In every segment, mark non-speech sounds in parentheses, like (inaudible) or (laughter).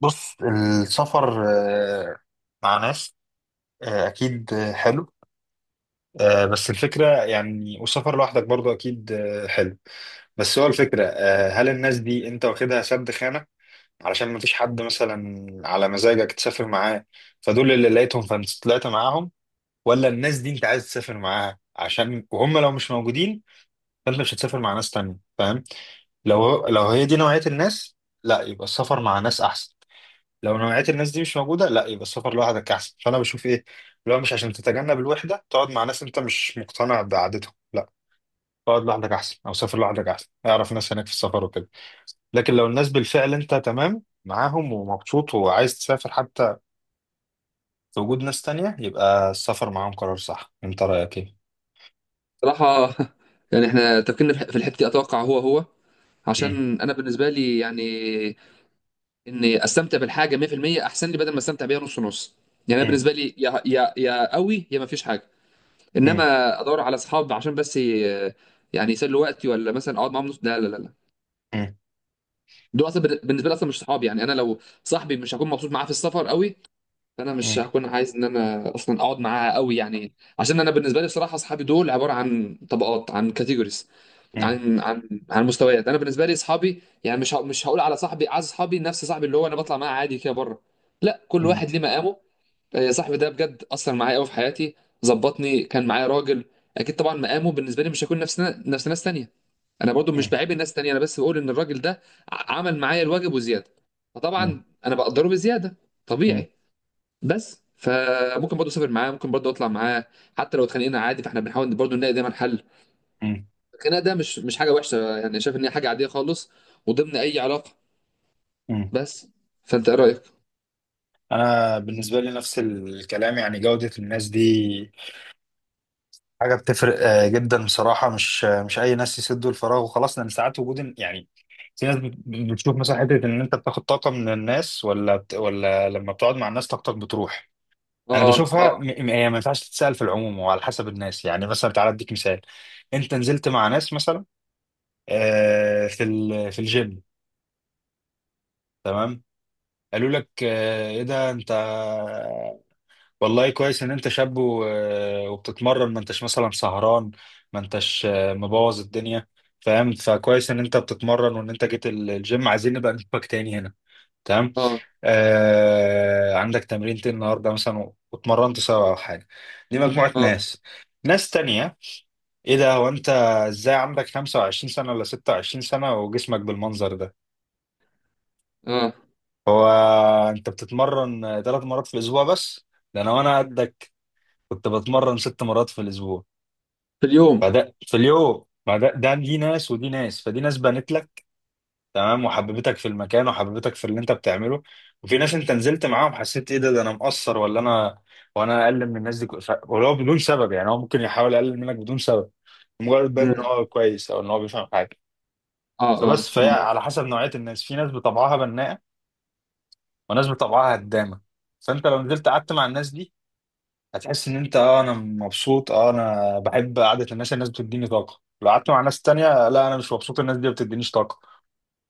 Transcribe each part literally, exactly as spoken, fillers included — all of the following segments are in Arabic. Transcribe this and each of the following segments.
بص، السفر آه، مع ناس. آه، أكيد. آه، حلو. آه، بس الفكرة يعني، والسفر لوحدك برضو أكيد. آه، حلو. بس هو الفكرة، آه، هل الناس دي أنت واخدها سد خانة علشان مفيش حد مثلا على مزاجك تسافر معاه، فدول اللي لقيتهم فأنت طلعت معاهم، ولا الناس دي أنت عايز تسافر معاها عشان، وهم لو مش موجودين فأنت مش هتسافر مع ناس تانية، فاهم؟ لو لو هي دي نوعية الناس، لا، يبقى السفر مع ناس أحسن. لو نوعية الناس دي مش موجودة، لا، يبقى السفر لوحدك أحسن. فأنا بشوف إيه، لو مش عشان تتجنب الوحدة تقعد مع ناس أنت مش مقتنع بعادتهم، لا، اقعد لوحدك أحسن، أو سافر لوحدك أحسن، أعرف ناس هناك في السفر وكده. لكن لو الناس بالفعل أنت تمام معاهم ومبسوط وعايز تسافر حتى في وجود ناس تانية، يبقى السفر معاهم قرار صح. أنت رأيك إيه؟ صراحة. (laughs) يعني احنا تفكيرنا في في الحتة دي، اتوقع هو هو، مم. عشان انا بالنسبة لي يعني اني استمتع بالحاجة مئة في المئة احسن لي، بدل ما استمتع بيها نص نص. يعني انا مم. بالنسبة لي يا يا يا قوي يا ما فيش حاجة. مم. انما ادور على اصحاب عشان بس ي- يعني يسلوا وقتي، ولا مثلا اقعد معاهم نص؟ لا لا لا لا. مم. دول اصلا بال- بالنسبة لي اصلا مش صحابي، يعني انا لو صاحبي مش هكون مبسوط معاه في السفر قوي، فانا مش مم. هكون عايز ان انا اصلا اقعد معاه قوي يعني. عشان انا بالنسبة لي بصراحة اصحابي دول عبارة عن طبقات، عن كاتيجوريز، مم. عن عن عن مستويات. انا بالنسبه لي اصحابي، يعني مش ه- مش هقول على صاحبي، عايز اصحابي نفس صاحبي اللي هو انا بطلع معاه عادي كده بره. لا، كل مم. واحد ليه مقامه. آه، صاحبي ده بجد اثر معايا قوي في حياتي، ظبطني، كان معايا راجل. اكيد طبعا مقامه بالنسبه لي مش هيكون نفس نفس ناس تانية. انا برضو مش بعيب الناس تانية، انا بس بقول ان الراجل ده ع- عمل معايا الواجب وزياده، مم. فطبعا انا بقدره بزياده، مم. طبيعي. بس فممكن برضو اسافر معاه، ممكن برضو اطلع معاه، حتى لو اتخانقنا عادي، فاحنا بنحاول برضو نلاقي دايما حل. مم. الخناقه ده مش مش حاجه وحشه يعني، شايف ان هي حاجه عاديه خالص وضمن اي علاقه. مم. بس فانت ايه رايك؟ أنا بالنسبة لي نفس الكلام، يعني جودة الناس دي حاجة بتفرق آه، جدا. بصراحة مش آه، مش أي ناس يسدوا الفراغ وخلاص، لأن ساعات وجود إن- يعني، في ناس بت- بتشوف مثلا حتة إن أنت بتاخد طاقة من الناس، ولا بت... ولا لما بتقعد مع الناس طاقتك بتروح. أنا اه، بشوفها م... اه، م- هي ما ينفعش تتسأل في العموم، وعلى حسب الناس. يعني مثلا تعالى أديك مثال: أنت نزلت مع ناس مثلا آه، في ال... في الجيم، تمام، قالوا لك آه، إيه ده أنت، والله كويس ان انت شاب و- آه، وبتتمرن، ما انتش مثلا سهران، ما انتش آه، مبوظ الدنيا، فاهم؟ فكويس ان انت بتتمرن، وان انت جيت ال- الجيم، عايزين نبقى نشوفك تاني هنا، تمام؟ اه، آه عندك تمرينتين النهارده مثلا، واتمرنت سوا او حاجه. دي مجموعه اه، ناس. ناس تانية: ايه ده، هو انت ازاي عندك خمسة وعشرين سنه ولا ستة وعشرين سنه وجسمك بالمنظر ده؟ اه. هو انت بتتمرن ثلاث مرات في الاسبوع بس؟ ده انا وانا قدك كنت بتمرن ست مرات في الاسبوع. في اليوم. فده في اليوم، ما ده ده دي ناس ودي ناس. فدي ناس بنت لك، تمام، وحببتك في المكان وحببتك في اللي انت بتعمله. وفي ناس انت نزلت معاهم حسيت ايه، ده ده انا مقصر ولا انا، وانا اقل من الناس دي، ك- ف- ولو بدون سبب. يعني هو ممكن يحاول يقلل منك بدون سبب، مجرد باين ان مم. هو كويس او ان هو بيفهم حاجه. اه، اه، فبس فهي على آه. حسب نوعيه الناس. في ناس بطبعها بناءه وناس بطبعها هدامه. فانت لو نزلت قعدت مع الناس دي هتحس ان انت، اه انا مبسوط، اه انا بحب قعده الناس، الناس بتديني طاقه. لو قعدت مع ناس تانية، لا انا مش مبسوط، الناس دي ما بتدينيش طاقه.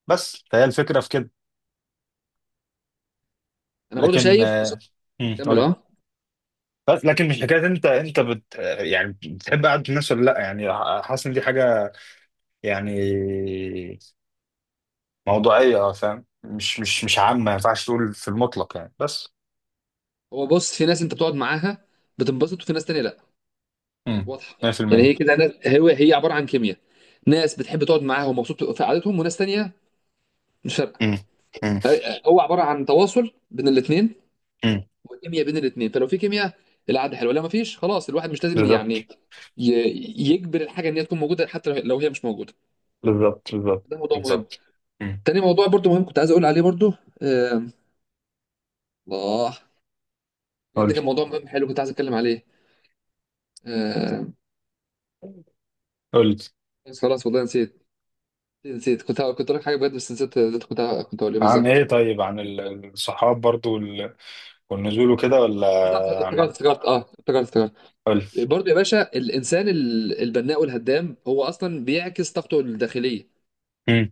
بس فهي الفكره في كده. انا برضو لكن شايف بص- آه، امم كمل قول. اه. بس لكن مش حكايه انت، انت بت يعني بتحب قعده الناس ولا لا يعني، حاسس ان دي حاجه يعني موضوعيه، اه، فاهم؟ مش مش مش عامه، ما ينفعش تقول في المطلق يعني بس. هو بص، في ناس انت بتقعد معاها بتنبسط، وفي ناس تانية لا. امم. واضحه. يعني مية في المية. هي كده ناس، هو هي عباره عن كيمياء، ناس بتحب تقعد معاها ومبسوط في قعدتهم، وناس تانية مش فارقه. امم. امم. هو عباره عن تواصل بين الاثنين، امم. والكيمياء بين الاثنين، فلو في كيمياء العاده حلوه، لو ما فيش خلاص الواحد مش لازم بالظبط. يعني ي- يجبر الحاجه ان هي تكون موجوده، حتى لو لو هي مش موجوده. بالظبط. ده بالظبط. موضوع مهم. بالظبط. امم تاني موضوع برضو مهم كنت عايز اقول عليه برضو. آم، الله، بجد قول. كان موضوع مهم حلو كنت عايز اتكلم عليه. آم، قول. بس خلاص والله نسيت. نسيت، كنت كنت اقول لك حاجه بجد، بس نسيت اللي كنت كنت اقول ايه عن ايه؟ بالظبط. طيب عن ال- الصحاب برضو وال- والنزول وكده ولا؟ بالظبط، افتكرت عن، افتكرت، اه افتكرت افتكرت. قول. برضو يا باشا، الانسان ال- البناء والهدام هو اصلا بيعكس طاقته الداخليه. مم.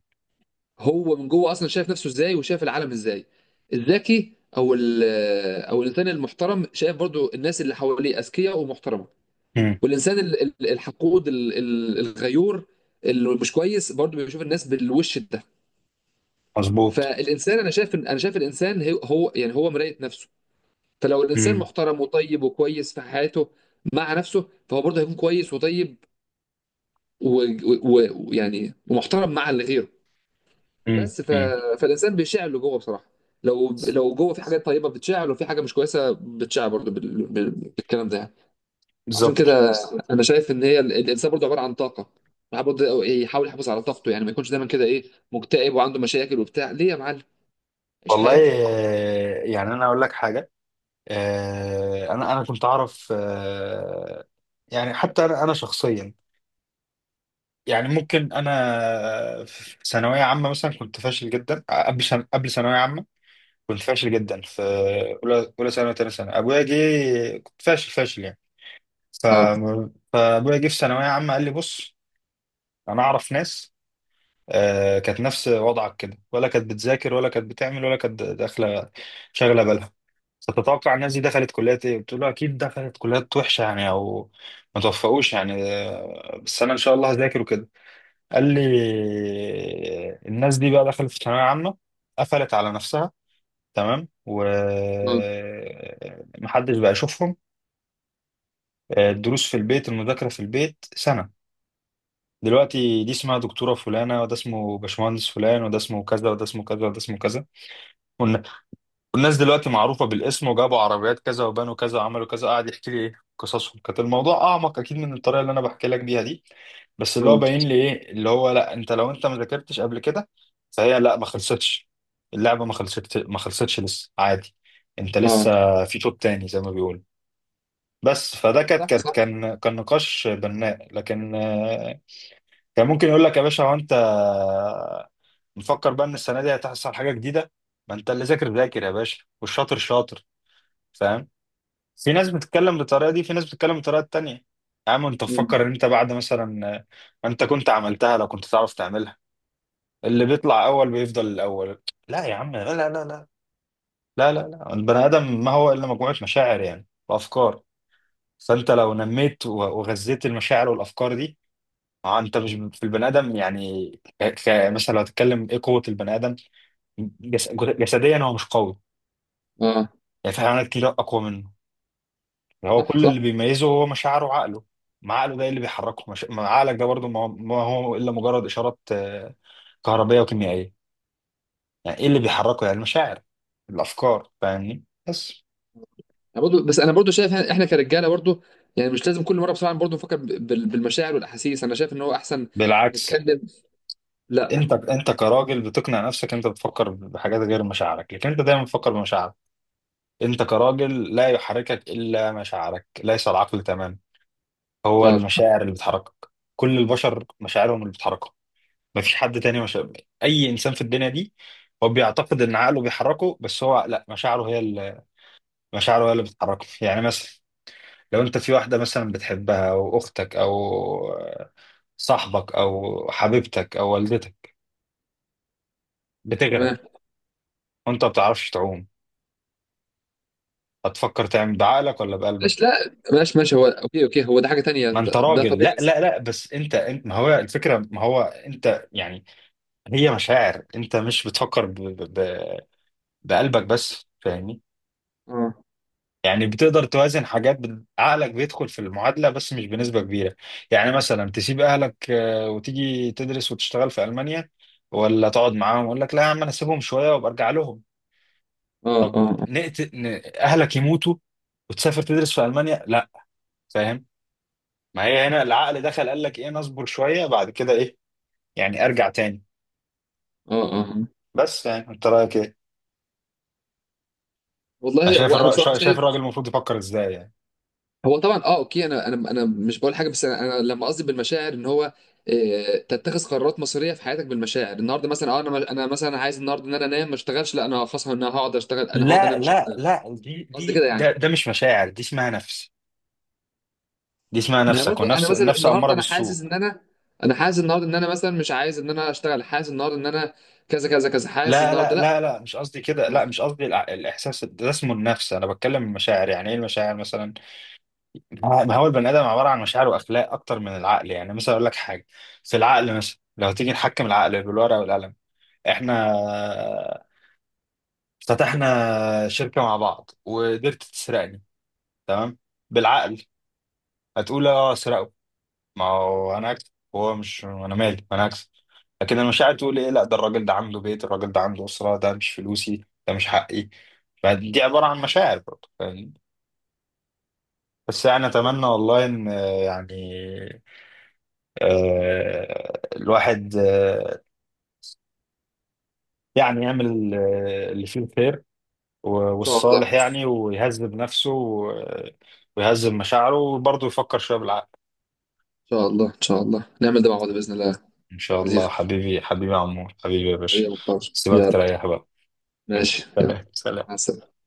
هو من جوه اصلا شايف نفسه ازاي، وشايف العالم ازاي. الذكي، او ال- او الانسان المحترم، شايف برضو الناس اللي حواليه اذكياء ومحترمه. مم. والانسان ال- ال- الحقود، ال- ال- الغيور، اللي مش كويس، برضو بيشوف الناس بالوش ده. مظبوط. فالانسان، انا شايف انا شايف الانسان هي- هو يعني، هو مراية نفسه. فلو الانسان مم. محترم وطيب وكويس في حياته مع نفسه، فهو برضه هيكون كويس وطيب، ويعني و... و... و- ويعني ومحترم مع اللي غيره. مم. بس ف... مم. فالانسان بيشعل اللي جوه بصراحه. لو لو جوه في حاجات طيبه، بتشعل، وفي حاجه مش كويسه، بتشعل برضه بال... بال... بالكلام ده يعني. عشان بالظبط. كده انا شايف ان هي ال- الانسان برضه عباره عن طاقه. الواحد برضه يحاول يحافظ على طاقته، يعني ما يكونش دايما كده، ايه، مكتئب وعنده مشاكل وبتاع. ليه يا معلم؟ عيش والله، حياتك. آه، يعني انا اقول لك حاجه، آه، انا انا كنت اعرف. آه، يعني حتى انا انا شخصيا، يعني ممكن انا في ثانويه عامه مثلا كنت فاشل جدا. قبل سن- قبل ثانويه عامه كنت فاشل جدا في اولى اولى ثانوي وثانيه ثانوي. ابويا جه، كنت فاشل فاشل يعني. اه، ابويا جه في ثانويه عامه قال لي بص، انا اعرف ناس آه، كانت نفس وضعك كده، ولا كانت بتذاكر ولا كانت بتعمل ولا كانت داخله شاغله بالها. فتتوقع الناس دي دخلت كليات ايه؟ بتقول له اكيد دخلت كليات وحشه يعني او ما توفقوش يعني، آه، بس انا ان شاء الله هذاكر وكده. قال لي، الناس دي بقى دخلت في ثانويه عامه قفلت على نفسها، تمام، اه، ومحدش بقى يشوفهم. آه، الدروس في البيت، المذاكره في البيت، سنه. دلوقتي دي اسمها دكتورة فلانة، وده اسمه باشمهندس فلان، وده اسمه كذا، وده اسمه كذا، وده اسمه كذا. والن- والناس دلوقتي معروفة بالاسم، وجابوا عربيات كذا، وبنوا كذا، وعملوا كذا. قاعد يحكي لي ايه قصصهم. كانت الموضوع أعمق أكيد من الطريقة اللي أنا بحكي لك بيها دي، بس اللي هو اه، باين لي ايه، اللي هو، لا، أنت لو أنت ما ذاكرتش قبل كده، فهي لا، ما خلصتش اللعبة، ما خلصتش، ما خلصتش، لسه عادي، أنت آه. لسه في شوط تاني زي ما بيقولوا. بس فده كانت صح، كانت- صح. كان كان نقاش بناء. لكن كان ممكن يقول لك يا باشا، هو انت نفكر بقى ان السنه دي هتحصل حاجه جديده؟ ما انت اللي ذاكر ذاكر يا باشا، والشاطر شاطر، فاهم؟ في ناس بتتكلم بالطريقه دي، في ناس بتتكلم بالطريقه التانيه. يا عم انت مم. تفكر ان انت بعد مثلا ما، انت كنت عملتها لو كنت تعرف تعملها. اللي بيطلع اول بيفضل الاول. لا يا عم، لا لا لا لا لا لا لا. البني ادم ما هو الا مجموعه مشاعر يعني وافكار. فانت لو نميت و- وغذيت المشاعر والافكار دي، اه، انت مش في البني ادم يعني. ك... ك- مثلا لو هتتكلم ايه قوه البني ادم، جس... جسديا هو مش قوي، اه، يعني في حيوانات كتير اقوى منه. هو صح، كل اللي صح. بيميزه هو مشاعره وعقله. ما عقله ده اللي بيحركه. مش... ما عقلك ده برضه، ما هو ما هو الا مجرد اشارات آه، كهربيه وكيميائيه. يعني ايه اللي بيحركه؟ يعني المشاعر، الافكار، فاهمني؟ بس. أنا برضو، بس انا برضو شايف احنا كرجاله برضو، يعني مش لازم كل مره بصراحه برضو نفكر بال- بالمشاعر والاحاسيس. انا شايف ان هو احسن بالعكس. نتكلم. لا. انت انت كراجل بتقنع نفسك انت بتفكر بحاجات غير مشاعرك، لكن انت دايما بتفكر بمشاعرك. انت كراجل لا يحركك الا مشاعرك، ليس العقل تماما. مش هو عارف. المشاعر اللي بتحركك. كل البشر مشاعرهم اللي بتحركهم، مفيش حد تاني. مشاعر اي انسان في الدنيا دي، هو بيعتقد ان عقله بيحركه، بس هو لا، مشاعره هي اللي مشاعره هي اللي بتحركه. يعني مثلا، لو انت في واحده مثلا بتحبها، او اختك، او صاحبك، او حبيبتك، او والدتك، بتغرق، تمام. وانت ما بتعرفش تعوم، هتفكر تعمل بعقلك ولا ماشي، بقلبك؟ لا، ماشي، ماشي. هو اوكي، اوكي، هو ده حاجة تانية، ما انت ده ده راجل. لا طبيعي لا صح. لا، بس انت انت، ما هو الفكره، ما هو انت يعني، هي مشاعر، انت مش بتفكر بقلبك بس، فاهمني؟ اه، يعني بتقدر توازن حاجات، بت- عقلك بيدخل في المعادلة بس مش بنسبة كبيرة. يعني مثلا تسيب أهلك آه، وتيجي تدرس وتشتغل في ألمانيا، ولا تقعد معاهم ويقول لك لا يا عم أنا أسيبهم شوية وبرجع لهم. اه، طب اه، نقت... ن... أهلك يموتوا وتسافر تدرس في ألمانيا؟ لا، فاهم؟ ما هي هنا العقل دخل قال لك إيه، نصبر شوية بعد كده إيه، يعني أرجع تاني. اه، اه، آه. بس يعني أنت رأيك إيه؟ أنا والله، شايف هو انا الر... بصراحة شا- شايف شايف. الراجل المفروض يفكر إزاي يعني. هو طبعا، اه، اوكي، انا انا انا مش بقول حاجة، بس انا أنا لما قصدي بالمشاعر ان هو آه، تتخذ قرارات مصيرية في حياتك بالمشاعر. النهارده مثلا، اه، انا انا مثلا عايز النهارده ان انا انام، ما اشتغلش. لا، انا خلاص انا هقعد اشتغل، انا هقعد لا انام مش لا هشتغل. لا، دي قصدي دي كده يعني. ده ده مش مشاعر، دي اسمها نفس، دي اسمها ما هي نفسك، برضو انا والنفس، مثلا النفس أمارة النهارده انا بالسوء. حاسس ان انا، انا حاسس النهارده ان انا مثلا مش عايز ان انا اشتغل، حاسس النهارده ان انا كذا كذا كذا، حاسس لا لا النهارده، لا لا. لا، مش قصدي كده، ان لا، مش قصدي الع- الإحساس ده اسمه النفس. أنا بتكلم المشاعر، يعني إيه المشاعر؟ مثلا، ما هو البني آدم عبارة عن مشاعر وأخلاق أكتر من العقل. يعني مثلا أقول لك حاجة، في العقل مثلا، لو تيجي نحكم العقل بالورقة والقلم، إحنا افتتحنا شركة مع بعض وقدرت تسرقني، تمام، بالعقل هتقول اه سرقوا، ما هو انا اكسب، هو مش انا مالي انا اكسب. لكن المشاعر تقول ايه، لا ده الراجل ده عنده بيت، الراجل ده عنده اسره، ده مش فلوسي، ده مش حقي. فدي عباره عن مشاعر برضه، فاهمني؟ بس يعني اتمنى والله ان، آه، يعني آه، الواحد، آه، يعني يعمل آه، اللي فيه الخير و- شاء والصالح الله، يعني، ويهذب نفسه و- ويهذب مشاعره، وبرضه يفكر شويه بالعقل. إن شاء الله، إن شاء الله نعمل ده مع بعض بإذن الله. ان شاء الله لذيذ. حبيبي، حبيبي يا عمور، حبيبي يا حبيبي باشا. يا محتوى. سيبك يلا، تريح بقى. ماشي يلا. سلام سلام. مع السلامة.